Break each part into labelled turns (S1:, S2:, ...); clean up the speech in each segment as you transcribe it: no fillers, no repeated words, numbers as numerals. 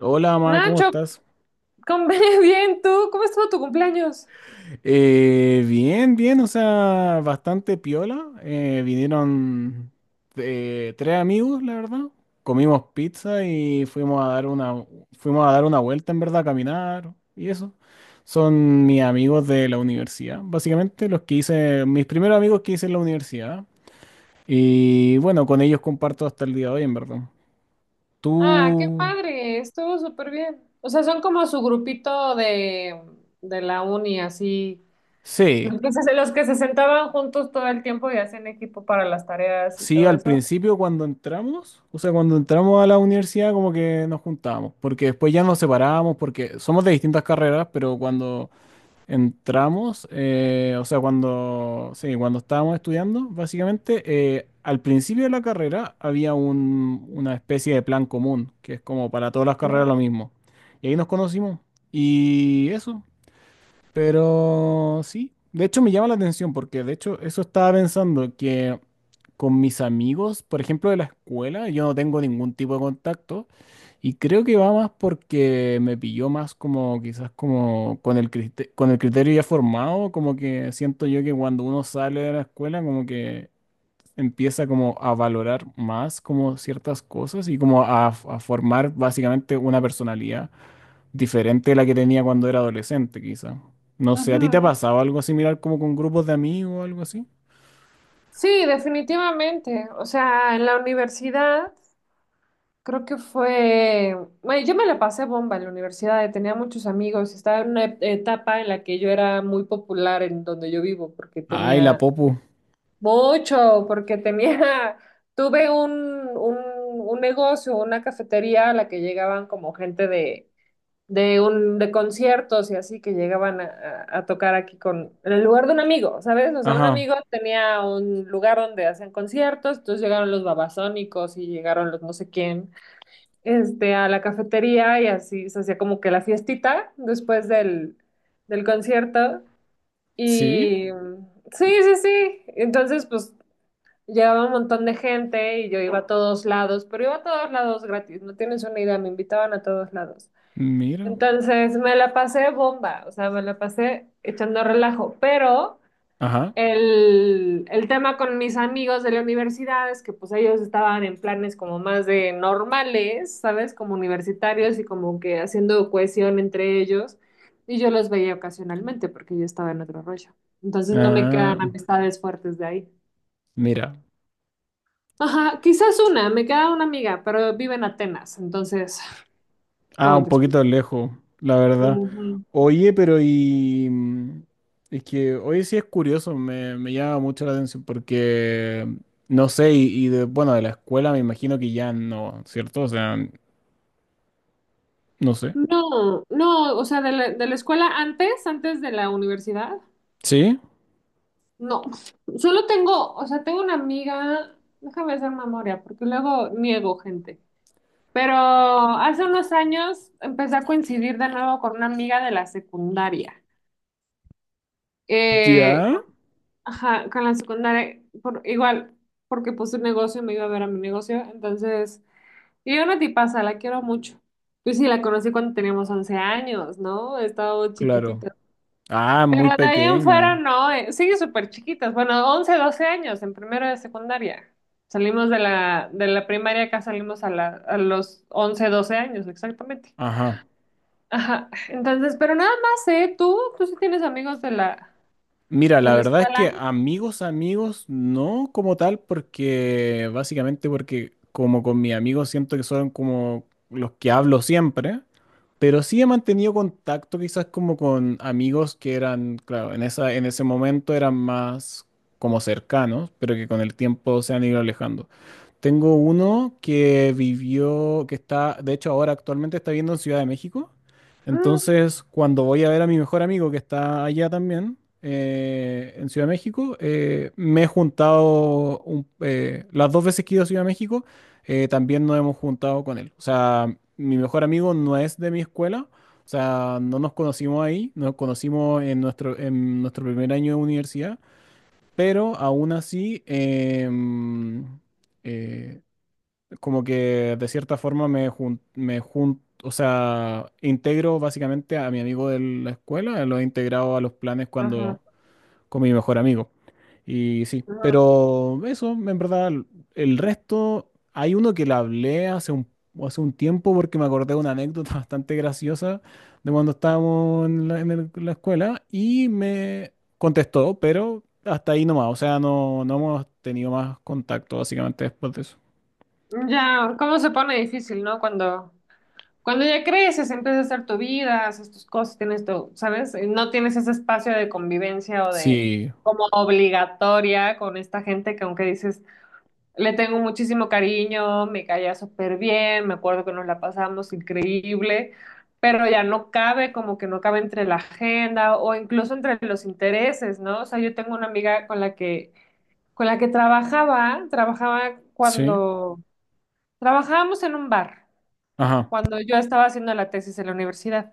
S1: Hola, ma, ¿cómo
S2: Nacho,
S1: estás?
S2: con- bien, ¿tú? ¿Cómo estuvo tu cumpleaños?
S1: Bien, bien, o sea, bastante piola. Vinieron tres amigos, la verdad. Comimos pizza y fuimos a dar fuimos a dar una vuelta, en verdad, a caminar y eso. Son mis amigos de la universidad, básicamente los que hice, mis primeros amigos que hice en la universidad. Y bueno, con ellos comparto hasta el día de hoy, en verdad.
S2: Ah, qué
S1: Tú,
S2: padre, estuvo súper bien. O sea, son como su grupito de la uni, así.
S1: sí.
S2: Los que se sentaban juntos todo el tiempo y hacían equipo para las tareas y
S1: Sí,
S2: todo
S1: al
S2: eso.
S1: principio cuando entramos, o sea, cuando entramos a la universidad como que nos juntábamos, porque después ya nos separábamos, porque somos de distintas carreras, pero cuando entramos, o sea, cuando, sí, cuando estábamos estudiando, básicamente, al principio de la carrera había una especie de plan común, que es como para todas las carreras lo
S2: Ajá.
S1: mismo. Y ahí nos conocimos. Y eso, pero sí, de hecho me llama la atención porque de hecho eso estaba pensando que con mis amigos, por ejemplo, de la escuela, yo no tengo ningún tipo de contacto y creo que va más porque me pilló más como quizás como con el con el criterio ya formado, como que siento yo que cuando uno sale de la escuela como que empieza como a valorar más como ciertas cosas y como a formar básicamente una personalidad diferente de la que tenía cuando era adolescente, quizá. No sé, ¿a ti te ha
S2: Ajá.
S1: pasado algo similar como con grupos de amigos o algo así?
S2: Sí, definitivamente. O sea, en la universidad creo que fue. Bueno, yo me la pasé bomba en la universidad, tenía muchos amigos, estaba en una etapa en la que yo era muy popular en donde yo vivo, porque
S1: Ay, la
S2: tenía
S1: Popu.
S2: mucho, porque tenía, tuve un, un negocio, una cafetería a la que llegaban como gente de conciertos y así que llegaban a tocar aquí en el lugar de un amigo, ¿sabes? O sea, un
S1: Ajá.
S2: amigo tenía un lugar donde hacían conciertos, entonces llegaron los babasónicos y llegaron los no sé quién, este, a la cafetería y así se hacía como que la fiestita después del concierto.
S1: Sí,
S2: Y sí, sí, sí. Entonces, pues llegaba un montón de gente y yo iba a todos lados, pero iba a todos lados gratis, no tienes una idea, me invitaban a todos lados.
S1: mira.
S2: Entonces me la pasé bomba, o sea, me la pasé echando relajo, pero
S1: Ajá.
S2: el tema con mis amigos de la universidad es que pues ellos estaban en planes como más de normales, ¿sabes? Como universitarios y como que haciendo cohesión entre ellos, y yo los veía ocasionalmente porque yo estaba en otro rollo. Entonces no me quedan
S1: Ah,
S2: amistades fuertes de ahí.
S1: mira.
S2: Ajá, quizás una, me queda una amiga, pero vive en Atenas, entonces,
S1: Ah,
S2: ¿cómo
S1: un
S2: te explico?
S1: poquito lejos, la verdad.
S2: Ujú.
S1: Oye, pero y... mm, es que hoy sí es curioso, me llama mucho la atención porque, no sé, y de, bueno, de la escuela me imagino que ya no, ¿cierto? O sea, no sé.
S2: No, no, o sea, de la escuela antes, antes de la universidad,
S1: ¿Sí?
S2: no. Solo tengo, o sea, tengo una amiga, déjame hacer memoria, porque luego niego gente. Pero hace unos años empecé a coincidir de nuevo con una amiga de la secundaria. Eh,
S1: ¿Ya?
S2: ajá, con la secundaria, por, igual, porque puse un negocio, me iba a ver a mi negocio, entonces. Y yo una tipaza, la quiero mucho. Yo sí la conocí cuando teníamos 11 años, ¿no? Estaba
S1: Claro.
S2: chiquitita.
S1: Ah, muy
S2: Pero de ahí en fuera
S1: pequeña.
S2: no, sigue súper chiquitas. Bueno, 11, 12 años en primero de secundaria. Salimos de la primaria, acá salimos a los 11, 12 años, exactamente.
S1: Ajá.
S2: Ajá, entonces, pero nada más, ¿eh? ¿Tú? ¿Tú sí tienes amigos
S1: Mira,
S2: de
S1: la
S2: la
S1: verdad es
S2: escuela?
S1: que amigos, amigos, no como tal, porque básicamente porque como con mis amigos siento que son como los que hablo siempre, pero sí he mantenido contacto quizás como con amigos que eran, claro, en esa, en ese momento eran más como cercanos, pero que con el tiempo se han ido alejando. Tengo uno que vivió, que está, de hecho ahora actualmente está viviendo en Ciudad de México.
S2: Mm,
S1: Entonces, cuando voy a ver a mi mejor amigo que está allá también, en Ciudad de México, me he juntado las dos veces que he ido a Ciudad de México, también nos hemos juntado con él. O sea, mi mejor amigo no es de mi escuela, o sea, no nos conocimos ahí, nos conocimos en en nuestro primer año de universidad, pero aún así... eh, como que de cierta forma o sea, integro básicamente a mi amigo de la escuela, lo he integrado a los planes cuando
S2: ajá,
S1: con mi mejor amigo. Y sí,
S2: ajá.
S1: pero eso, en verdad, el resto, hay uno que le hablé hace un tiempo porque me acordé de una anécdota bastante graciosa de cuando estábamos en la escuela y me contestó, pero hasta ahí nomás, o sea, no, no hemos tenido más contacto básicamente después de eso.
S2: Ya, ¿cómo se pone difícil, ¿no? Cuando, ya creces, empiezas a hacer tu vida, haces tus cosas, tienes tu, ¿sabes? No tienes ese espacio de convivencia o de
S1: Sí,
S2: como obligatoria con esta gente que aunque dices, le tengo muchísimo cariño, me caía súper bien, me acuerdo que nos la pasamos increíble, pero ya no cabe, como que no cabe entre la agenda o incluso entre los intereses, ¿no? O sea, yo tengo una amiga con la que trabajaba
S1: sí,
S2: cuando trabajábamos en un bar
S1: ajá,
S2: cuando yo estaba haciendo la tesis en la universidad.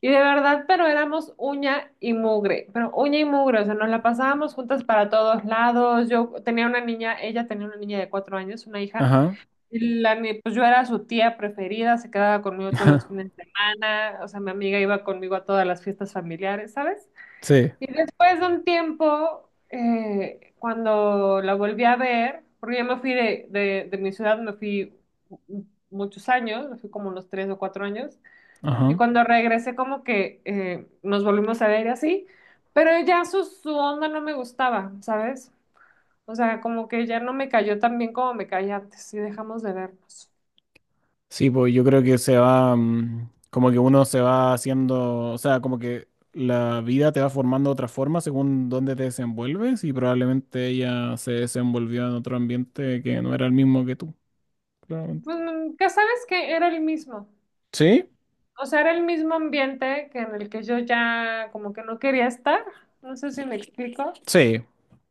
S2: Y de verdad, pero éramos uña y mugre, pero uña y mugre, o sea, nos la pasábamos juntas para todos lados. Yo tenía una niña, ella tenía una niña de 4 años, una hija,
S1: ajá,
S2: y la, pues yo era su tía preferida, se quedaba conmigo todos los fines de semana, o sea, mi amiga iba conmigo a todas las fiestas familiares, ¿sabes?
S1: sí,
S2: Y después de un tiempo, cuando la volví a ver, porque yo me fui de mi ciudad, me fui mu- muchos años, me fui como unos 3 o 4 años, y
S1: ajá.
S2: cuando regresé como que nos volvimos a ver y así, pero ya su onda no me gustaba, ¿sabes? O sea, como que ya no me cayó tan bien como me caía antes y dejamos de vernos.
S1: Sí, pues yo creo que se va, mm, como que uno se va haciendo, o sea, como que la vida te va formando de otra forma según dónde te desenvuelves y probablemente ella se desenvolvió en otro ambiente que no era el mismo que tú, claramente.
S2: Pues, ya sabes que era el mismo.
S1: Sí,
S2: O sea, era el mismo ambiente que en el que yo ya como que no quería estar. No sé si me explico.
S1: sí,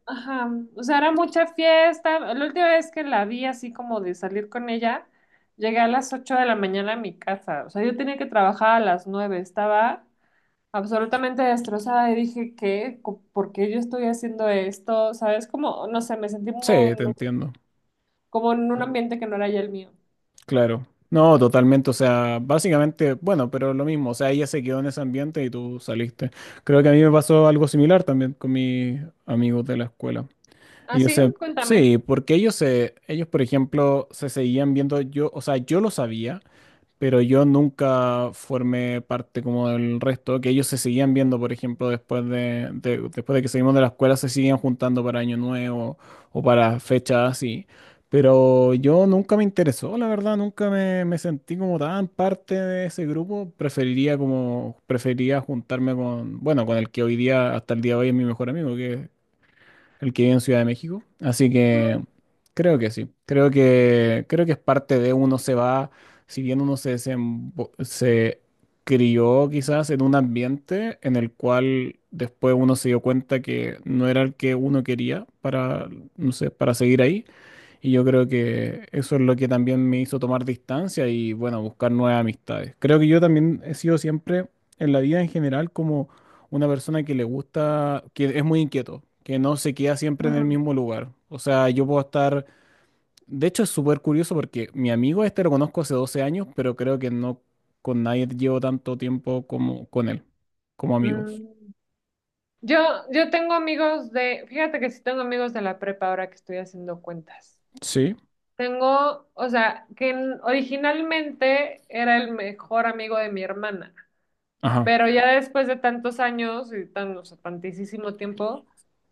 S2: Ajá. O sea, era mucha fiesta. La última vez que la vi así como de salir con ella, llegué a las 8 de la mañana a mi casa. O sea, yo tenía que trabajar a las 9. Estaba absolutamente destrozada y dije, ¿qué? ¿Por qué yo estoy haciendo esto? ¿Sabes? Como, no sé, me sentí como,
S1: sí, te entiendo.
S2: como en un ambiente que no era ya el mío.
S1: Claro. No, totalmente. O sea, básicamente, bueno, pero lo mismo. O sea, ella se quedó en ese ambiente y tú saliste. Creo que a mí me pasó algo similar también con mis amigos de la escuela.
S2: ¿Ah,
S1: Ellos
S2: sí?
S1: se,
S2: Cuéntame.
S1: sí, porque ellos, por ejemplo, se seguían viendo yo, o sea, yo lo sabía, pero yo nunca formé parte como del resto, que ellos se seguían viendo, por ejemplo, después de que salimos de la escuela, se seguían juntando para Año Nuevo o para fechas así. Pero yo nunca me interesó, la verdad, nunca me, me sentí como tan parte de ese grupo. Preferiría como, preferiría juntarme con, bueno, con el que hoy día, hasta el día de hoy es mi mejor amigo, que el que vive en Ciudad de México. Así que
S2: Ujú.
S1: creo que sí. Creo que es parte de uno se va, si bien se crió quizás en un ambiente en el cual después uno se dio cuenta que no era el que uno quería para, no sé, para seguir ahí. Y yo creo que eso es lo que también me hizo tomar distancia y, bueno, buscar nuevas amistades. Creo que yo también he sido siempre, en la vida en general, como una persona que le gusta, que es muy inquieto, que no se queda siempre en el
S2: Ujú.
S1: mismo lugar. O sea, yo puedo estar... De hecho, es súper curioso porque mi amigo este lo conozco hace 12 años, pero creo que no con nadie llevo tanto tiempo como con él, como amigos.
S2: Mm. Yo, yo tengo amigos de, fíjate que sí tengo amigos de la prepa ahora que estoy haciendo cuentas.
S1: Sí,
S2: Tengo, o sea, que originalmente era el mejor amigo de mi hermana,
S1: ajá.
S2: pero ya después de tantos años y tan, o sea, tantísimo tiempo,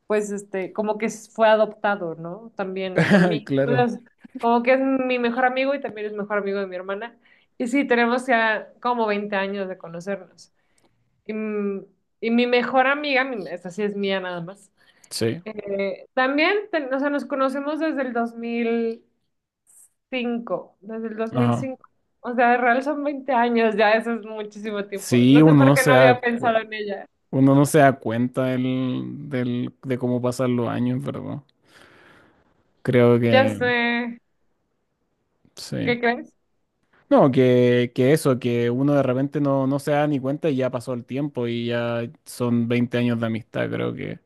S2: pues este, como que fue adoptado, ¿no? También por mí.
S1: Claro.
S2: Entonces, como que es mi mejor amigo y también es mejor amigo de mi hermana. Y sí, tenemos ya como 20 años de conocernos. Y, mm, y mi mejor amiga, esta sí es mía nada más.
S1: Sí,
S2: También, o sea, nos conocemos desde el 2005, desde el dos mil
S1: ajá.
S2: cinco, O sea, de real son 20 años, ya eso es muchísimo tiempo.
S1: Sí,
S2: No sé
S1: uno
S2: por
S1: no
S2: qué
S1: se
S2: no
S1: da
S2: había pensado
S1: cuenta.
S2: en ella.
S1: Uno no se da cuenta de cómo pasan los años, ¿verdad? Creo
S2: Ya
S1: que
S2: sé,
S1: sí.
S2: ¿qué crees?
S1: No, que eso, que uno de repente no se da ni cuenta y ya pasó el tiempo y ya son 20 años de amistad, creo que.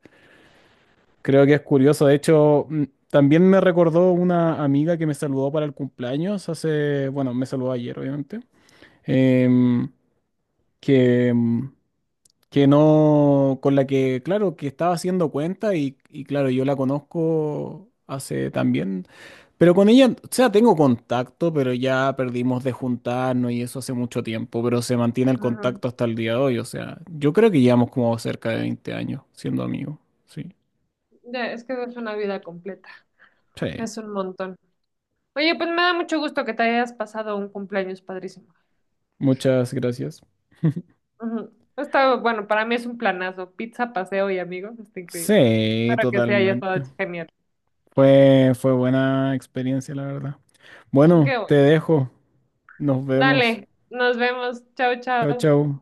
S1: Creo que es curioso. De hecho, mm, también me recordó una amiga que me saludó para el cumpleaños hace, bueno, me saludó ayer, obviamente, em, que, mm, que no, con la que, claro, que estaba haciendo cuenta y claro, yo la conozco hace también, pero con ella, o sea, tengo contacto, pero ya perdimos de juntarnos y eso hace mucho tiempo, pero se mantiene el
S2: Ajá.
S1: contacto hasta el día de hoy, o sea, yo creo que llevamos como cerca de 20 años siendo amigos, sí.
S2: Ya, es que es una vida completa,
S1: Sí,
S2: es un montón. Oye, pues me da mucho gusto que te hayas pasado un cumpleaños padrísimo.
S1: muchas gracias.
S2: Ujú. Está, bueno, para mí es un planazo. Pizza, paseo y amigos, está increíble.
S1: Sí,
S2: Para que sea, haya estado
S1: totalmente.
S2: genial.
S1: Fue, fue buena experiencia, la verdad. Bueno,
S2: Qué
S1: te
S2: bueno.
S1: dejo. Nos vemos.
S2: Dale, nos vemos. Chao,
S1: Chao,
S2: chao.
S1: chao.